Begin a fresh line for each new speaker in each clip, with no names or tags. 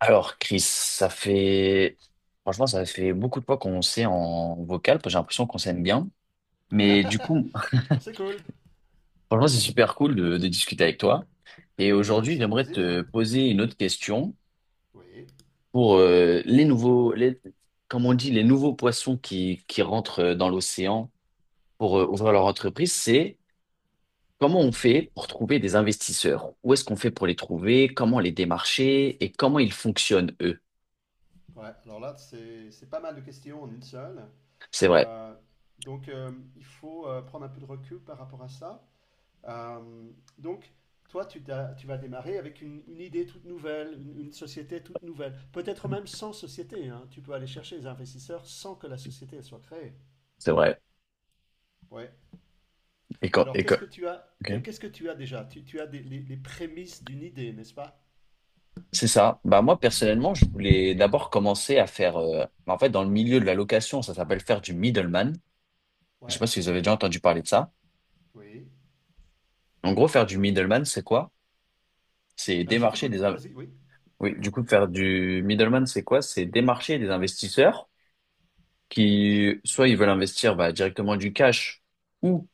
Alors, Chris, ça fait... Franchement, ça fait beaucoup de fois qu'on s'est en vocal, parce que j'ai l'impression qu'on s'aime bien. Mais du coup,
C'est cool.
franchement, c'est super cool de discuter avec toi. Et
Ben,
aujourd'hui,
c'est un
j'aimerais
plaisir.
te poser une autre question
Oui.
pour les nouveaux, les, comme on dit, les nouveaux poissons qui rentrent dans l'océan pour ouvrir leur entreprise. C'est comment on fait pour trouver des investisseurs? Où est-ce qu'on fait pour les trouver? Comment les démarcher? Et comment ils fonctionnent, eux?
Ouais, alors là, c'est pas mal de questions en une seule.
C'est vrai,
Euh, donc, il faut prendre un peu de recul par rapport à ça. Euh, donc, toi, tu, tu vas démarrer avec une idée toute nouvelle, une société toute nouvelle. Peut-être même sans société, hein. Tu peux aller chercher les investisseurs sans que la société, elle soit créée.
c'est vrai.
Ouais. Alors,
Et
qu'est-ce
quand...
que tu as,
ok.
qu'est-ce que tu as déjà? Tu as les prémices d'une idée, n'est-ce pas?
C'est ça. Bah moi personnellement, je voulais d'abord commencer à faire en fait dans le milieu de la location, ça s'appelle faire du middleman. Je sais
Ouais.
pas si vous avez déjà entendu parler de ça.
Oui.
En gros, faire du middleman, c'est quoi? C'est
Je
démarcher des
t'écoute.
in-
Vas-y. Oui.
oui, du coup faire du middleman, c'est quoi? C'est démarcher des investisseurs qui soit ils veulent investir bah, directement du cash ou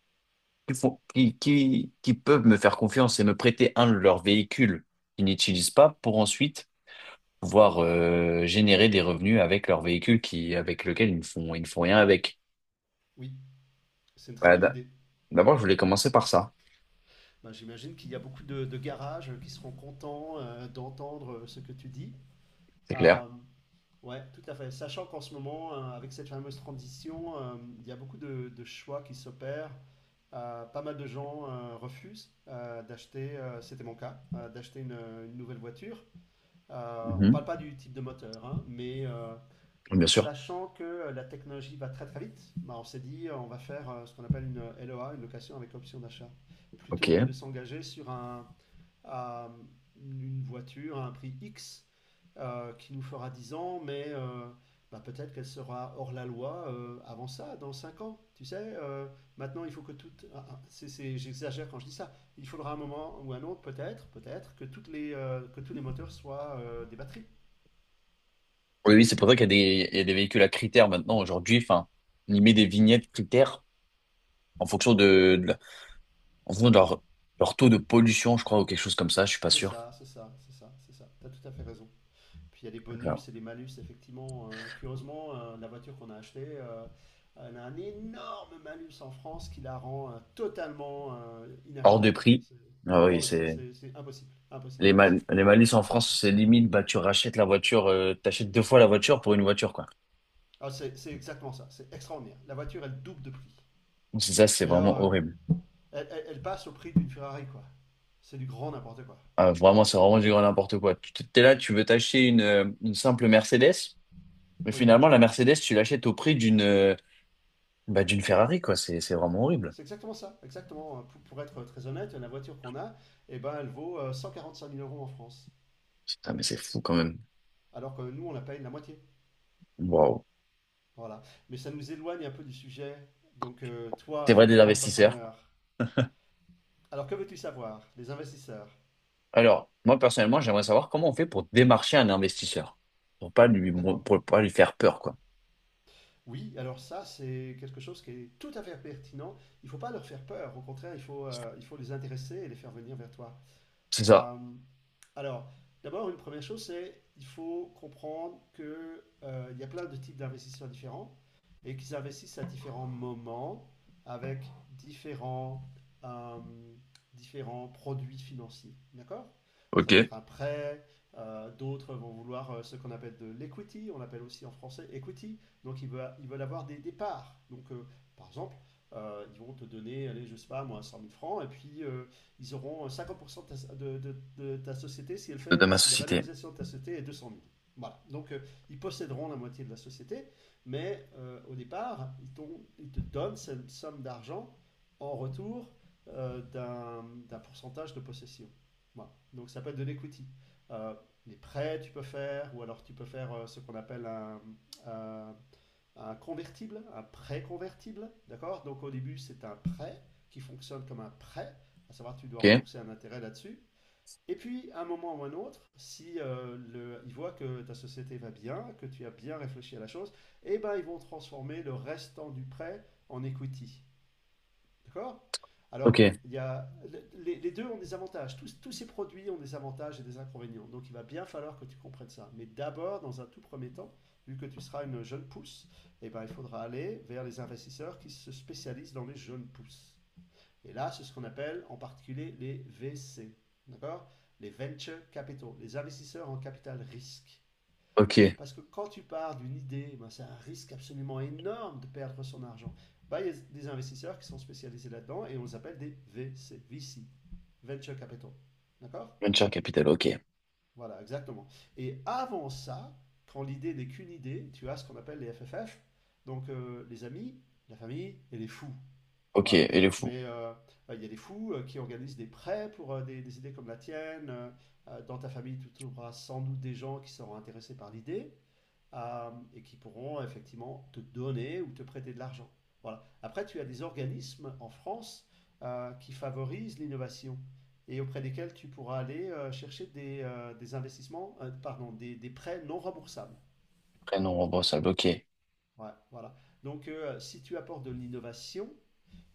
qui font qui peuvent me faire confiance et me prêter un de leurs véhicules qu'ils n'utilisent pas pour ensuite pouvoir générer des revenus avec leur véhicule qui, avec lequel ils ne font rien avec.
Oui. C'est une très
Bah,
bonne
d'a-
idée.
d'abord, je voulais commencer par ça,
Ben, j'imagine qu'il y a beaucoup de garages qui seront contents d'entendre ce que tu dis.
c'est clair.
Euh, ouais, tout à fait. Sachant qu'en ce moment, avec cette fameuse transition, il y a beaucoup de choix qui s'opèrent. Pas mal de gens refusent d'acheter, c'était mon cas, d'acheter une nouvelle voiture. On parle
Mhm.
pas du type de moteur, hein, mais,
Bien sûr.
sachant que la technologie va très très vite, bah, on s'est dit on va faire ce qu'on appelle une LOA, une location avec option d'achat,
Ok.
plutôt que de
Oui,
s'engager sur à une voiture à un prix X qui nous fera 10 ans, mais bah, peut-être qu'elle sera hors la loi avant ça, dans 5 ans. Tu sais, maintenant il faut que toutes, ah, ah, j'exagère quand je dis ça. Il faudra un moment ou un autre, peut-être, peut-être, que, toutes les, que tous les moteurs soient des batteries.
oui, c'est pour ça qu'il y a des, il y a des véhicules à critères maintenant aujourd'hui. Enfin, on y met des vignettes critères en fonction de, de la- en fonction de leur, leur taux de pollution, je crois, ou quelque chose comme ça. Je suis pas
C'est
sûr.
ça, c'est ça, c'est ça, c'est ça. Tu as tout à fait raison. Puis il y a des
Enfin,
bonus et des malus, effectivement. Curieusement, la voiture qu'on a achetée, elle a un énorme malus en France qui la rend totalement
hors de
inachetable.
prix.
C'est
Ah oui,
hors de prix,
c'est
c'est impossible, impossible, impossible.
les malus en France, c'est limite. Bah, tu rachètes la voiture, t'achètes deux fois la voiture pour une voiture, quoi.
Ah, c'est exactement ça, c'est extraordinaire. La voiture, elle double de prix.
Donc, c'est ça, c'est
Mais alors,
vraiment horrible.
elle passe au prix d'une Ferrari, quoi. C'est du grand n'importe quoi.
Ah, vraiment, c'est vraiment du grand n'importe quoi. Tu t'es là, tu veux t'acheter une simple Mercedes,
Vous
mais
voyez.
finalement, la Mercedes, tu l'achètes au prix d'une bah, d'une Ferrari, quoi. C'est vraiment horrible.
C'est exactement ça, exactement. Pour être très honnête, la voiture qu'on a, eh ben, elle vaut 145 000 euros en France.
Putain, mais c'est fou quand même.
Alors que nous, on la paye la moitié.
Waouh.
Voilà. Mais ça nous éloigne un peu du sujet. Donc, toi,
C'est vrai des
futur
investisseurs.
entrepreneur, alors que veux-tu savoir? Les investisseurs.
Alors, moi, personnellement, j'aimerais savoir comment on fait pour démarcher un investisseur,
D'accord.
pour pas lui faire peur, quoi.
Oui, alors ça, c'est quelque chose qui est tout à fait pertinent. Il ne faut pas leur faire peur. Au contraire, il faut les intéresser et les faire venir vers toi.
C'est ça.
Euh, alors, d'abord, une première chose, c'est il faut comprendre que il y a plein de types d'investisseurs différents et qu'ils investissent à différents moments avec différents, euh, différents produits financiers. D'accord? Ça peut
OK.
être un prêt, d'autres vont vouloir ce qu'on appelle de l'equity, on l'appelle aussi en français equity, donc ils veulent avoir des parts. Donc par exemple, ils vont te donner, allez, je sais pas moi, 100 000 francs, et puis ils auront 50% de ta société si,
De ma
si la
société.
valorisation de ta société est 200 000. Voilà. Donc, ils posséderont la moitié de la société, mais au départ, ils te donnent cette somme d'argent en retour d'un pourcentage de possession. Voilà. Donc, ça s'appelle de l'equity. Euh, les prêts, tu peux faire, ou alors tu peux faire ce qu'on appelle un- un convertible, un prêt convertible. D'accord? Donc, au début, c'est un prêt qui fonctionne comme un prêt à savoir tu dois
OK.
rembourser un intérêt là-dessus. Et puis, à un moment ou un autre, si ils voient que ta société va bien, que tu as bien réfléchi à la chose, eh ben, ils vont transformer le restant du prêt en equity. D'accord? Alors,
OK.
les deux ont des avantages. Tous ces produits ont des avantages et des inconvénients. Donc, il va bien falloir que tu comprennes ça. Mais d'abord, dans un tout premier temps, vu que tu seras une jeune pousse, eh ben, il faudra aller vers les investisseurs qui se spécialisent dans les jeunes pousses. Et là, c'est ce qu'on appelle en particulier les VC, d'accord? Les venture capital, les investisseurs en capital risque.
OK.
Parce que quand tu pars d'une idée, ben c'est un risque absolument énorme de perdre son argent. Ben, il y a des investisseurs qui sont spécialisés là-dedans et on les appelle des VC, VC, venture capital, d'accord?
Venture capital. OK.
Voilà, exactement. Et avant ça, quand l'idée n'est qu'une idée, tu as ce qu'on appelle les FFF, donc les amis, la famille et les fous.
OK.
Voilà.
Et le fou.
Mais bah, il y a des fous qui organisent des prêts pour des idées comme la tienne. Dans ta famille, tu trouveras sans doute des gens qui seront intéressés par l'idée et qui pourront effectivement te donner ou te prêter de l'argent. Voilà. Après, tu as des organismes en France qui favorisent l'innovation et auprès desquels tu pourras aller chercher des investissements, pardon, des prêts non remboursables.
Prénom, remboursable. OK.
Ouais, voilà. Donc, si tu apportes de l'innovation,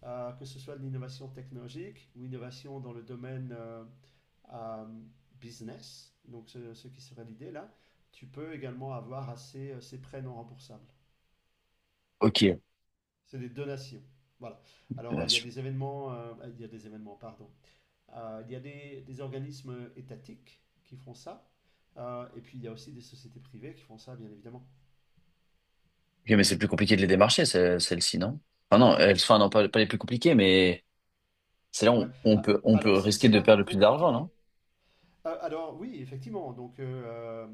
que ce soit de l'innovation technologique ou innovation dans le domaine euh, business, donc ce qui serait l'idée là, tu peux également avoir assez ces prêts non remboursables.
OK.
C'est des donations. Voilà. Alors, il y a
Donation.
des événements, il y a des événements, pardon. Il y a des organismes étatiques qui font ça. Et puis, il y a aussi des sociétés privées qui font ça, bien évidemment.
Ok, mais c'est plus compliqué de les démarcher, celles-ci, non? Enfin, non, elles, enfin, non, pas les plus compliquées, mais c'est là
Ouais.
où
Ah,
on peut
alors, c'est
risquer
c'est
de
pas
perdre
plus
le plus d'argent,
compliqué.
non?
Ah, alors oui, effectivement. Donc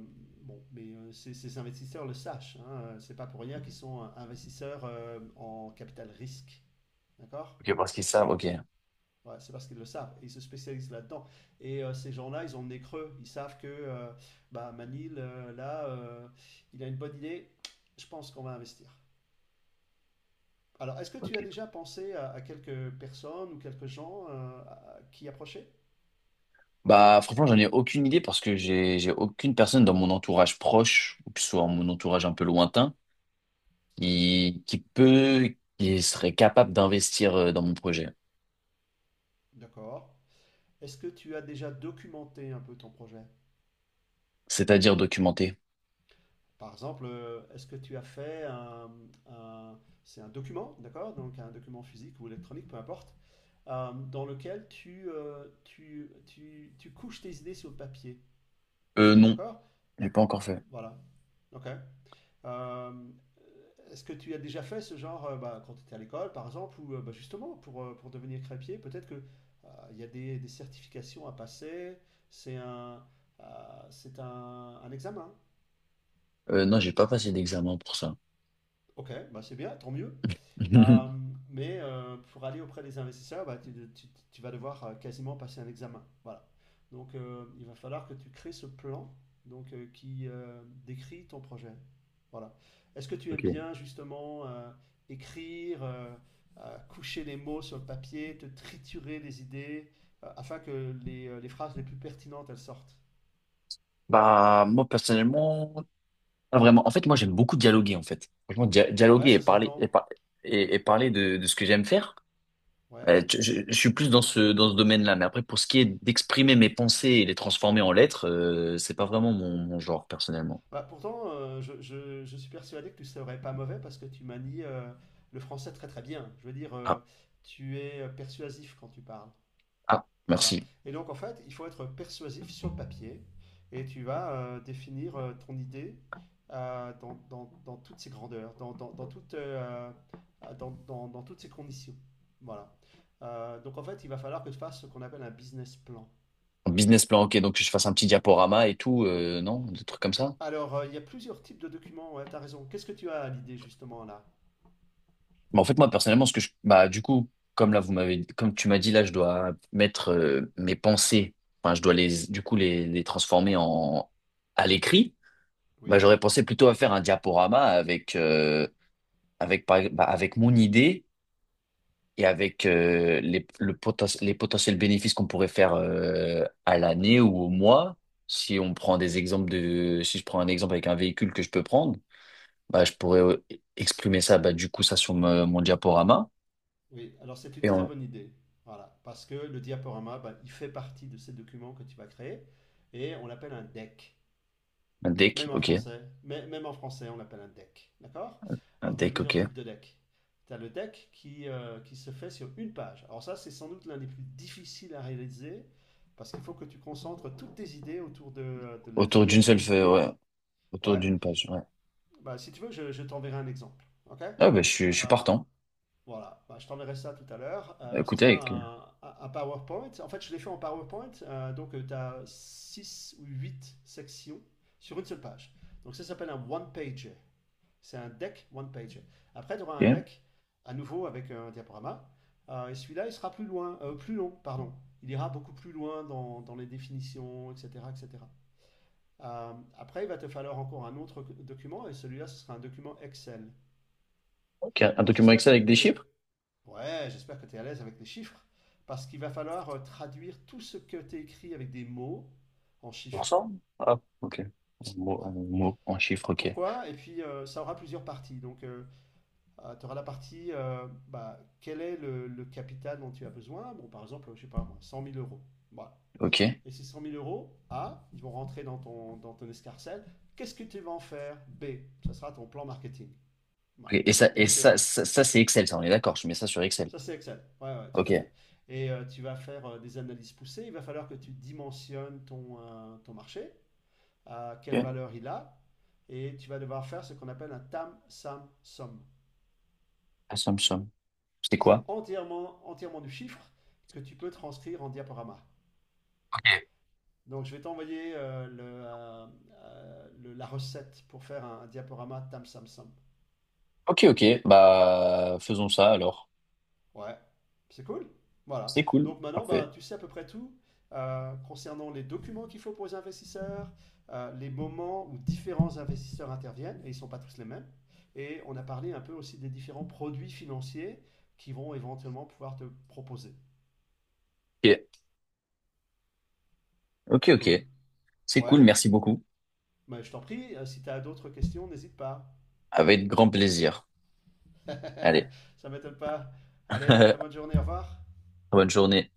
bon, mais ces investisseurs le sachent, hein, c'est pas pour rien qu'ils sont investisseurs en capital risque, d'accord?
Ok, parce qu'ils savent, ok.
Ouais, c'est parce qu'ils le savent et ils se spécialisent là-dedans. Et ces gens-là, ils ont le nez creux. Ils savent que bah Manil, là, il a une bonne idée. Je pense qu'on va investir. Alors, est-ce que tu
Ok.
as déjà pensé à quelques personnes ou quelques gens à qui approcher?
Bah, franchement, j'en ai aucune idée parce que j'ai aucune personne dans mon entourage proche, ou que ce soit mon entourage un peu lointain, qui peut, qui serait capable d'investir dans mon projet.
D'accord. Est-ce que tu as déjà documenté un peu ton projet?
C'est-à-dire documenter.
Par exemple, est-ce que tu as fait un- c'est un document, d'accord? Donc un document physique ou électronique, peu importe, dans lequel tu couches tes idées sur le papier,
Non,
d'accord?
j'ai pas encore fait.
Voilà, ok. Euh, Est-ce que tu as déjà fait ce genre, bah, quand tu étais à l'école, par exemple, ou bah, justement pour devenir crêpier, peut-être que il y a des certifications à passer, c'est un, c'est un examen.
Non, j'ai pas passé d'examen pour ça.
Ok, bah c'est bien, tant mieux. Euh, mais pour aller auprès des investisseurs, bah, tu vas devoir quasiment passer un examen. Voilà. Donc, il va falloir que tu crées ce plan donc, qui décrit ton projet. Voilà. Est-ce que tu aimes
Ok.
bien justement écrire, coucher les mots sur le papier, te triturer les idées afin que les phrases les plus pertinentes elles sortent?
Bah, moi, personnellement, ah, vraiment, en fait, moi j'aime beaucoup dialoguer en fait. Franchement,
Ouais,
dialoguer et
ça
parler
s'entend.
et parler de ce que j'aime faire.
Ouais.
Je suis plus dans ce domaine-là, mais après pour ce qui est d'exprimer mes pensées et les transformer en lettres, c'est pas vraiment mon genre personnellement.
Bah, pourtant, je suis persuadé que tu serais pas mauvais parce que tu manies le français très très bien. Je veux dire,
Ah
tu es persuasif quand tu parles.
ah
Voilà.
merci.
Et donc, en fait, il faut être persuasif sur le papier et tu vas définir ton idée dans, dans toutes ses grandeurs, dans, dans toutes, dans, dans toutes ses conditions. Voilà. Donc, en fait, il va falloir que tu fasses ce qu'on appelle un business plan.
En Business plan, ok, donc que je fasse un petit diaporama et tout, non, des trucs comme ça.
Alors, il y a plusieurs types de documents, ouais, tu as raison. Qu'est-ce que tu as à l'idée justement là?
Mais en fait moi personnellement, bah du coup, comme tu m'as dit là, je dois mettre mes pensées, enfin je dois les du coup les transformer en à l'écrit. Bah,
Oui.
j'aurais pensé plutôt à faire un diaporama avec, avec, avec mon idée et avec les potentiels bénéfices qu'on pourrait faire à l'année ou au mois. Si on prend des exemples de, si je prends un exemple avec un véhicule que je peux prendre, bah, je pourrais exprimer ça, bah, du coup, ça sur mon diaporama.
Oui, alors c'est une
Et
très
on,
bonne idée. Voilà, parce que le diaporama, ben, il fait partie de ces documents que tu vas créer et on l'appelle un deck.
un deck,
Même en
ok.
français, même en français, on l'appelle un deck. D'accord?
Un
Alors, tu as
deck, ok.
plusieurs types de decks. Tu as le deck qui se fait sur une page. Alors, ça, c'est sans doute l'un des plus difficiles à réaliser parce qu'il faut que tu concentres toutes tes idées autour de la
Autour d'une seule feuille,
viabilité.
ouais. Autour
Ouais,
d'une page, ouais.
bah, si tu veux, je t'enverrai un exemple. Ok?
Ah, bah, je suis
Euh,
partant.
voilà, bah, je t'enverrai ça tout à l'heure. Ce
Écoutez, avec,
sera un PowerPoint. En fait, je l'ai fait en PowerPoint. Donc, tu as 6 ou 8 sections sur une seule page. Donc, ça s'appelle un one-pager. C'est un deck one-pager. Après, tu auras un
ok.
deck à nouveau avec un diaporama. Et celui-là, il sera plus loin, plus long, pardon. Il ira beaucoup plus loin dans les définitions, etc., etc. Après, il va te falloir encore un autre document, et celui-là, ce sera un document Excel.
Ok, un
Alors,
document
j'espère que,
Excel avec des
que.
chiffres?
Ouais, j'espère que tu es à l'aise avec les chiffres, parce qu'il va falloir traduire tout ce que tu écrit avec des mots en
Pour
chiffres.
cent ah, ok. En
Ouais.
mots, en chiffres, ok.
Pourquoi? Et puis, ça aura plusieurs parties. Donc, tu auras la partie, bah, quel est le capital dont tu as besoin? Bon, par exemple, je sais pas moi, 100 000 euros. Voilà.
Ok.
Et ces 100 000 euros, A, ils vont rentrer dans ton escarcelle. Qu'est-ce que tu vas en faire? B, ça sera ton plan marketing.
Ok.
Voilà.
Et ça,
Donc,
c'est Excel, ça, on est d'accord. Je mets ça sur Excel.
ça, c'est Excel. Ouais, ouais, tout à fait.
Ok.
Et tu vas faire des analyses poussées. Il va falloir que tu dimensionnes ton marché, à quelle
Ok.
valeur il a, et tu vas devoir faire ce qu'on appelle un TAM, SAM, SOM.
Assumption. C'est
C'est
quoi?
entièrement, entièrement du chiffre que tu peux transcrire en diaporama.
Ok.
Donc, je vais t'envoyer la recette pour faire un diaporama TAM, SAM, SOM.
Ok, ok. Bah, faisons ça alors.
Ouais, c'est cool. Voilà.
C'est cool.
Donc maintenant, ben,
Parfait.
tu sais à peu près tout concernant les documents qu'il faut pour les investisseurs, les moments où différents investisseurs interviennent, et ils ne sont pas tous les mêmes. Et on a parlé un peu aussi des différents produits financiers qui vont éventuellement pouvoir te proposer.
Ok. Ok,
C'est cool.
ok. C'est
Ouais.
cool. Merci beaucoup.
Mais je t'en prie, si tu as d'autres questions, n'hésite pas.
Avec grand plaisir. Allez.
Ça m'étonne pas. Allez, très bonne journée, au revoir.
Bonne journée.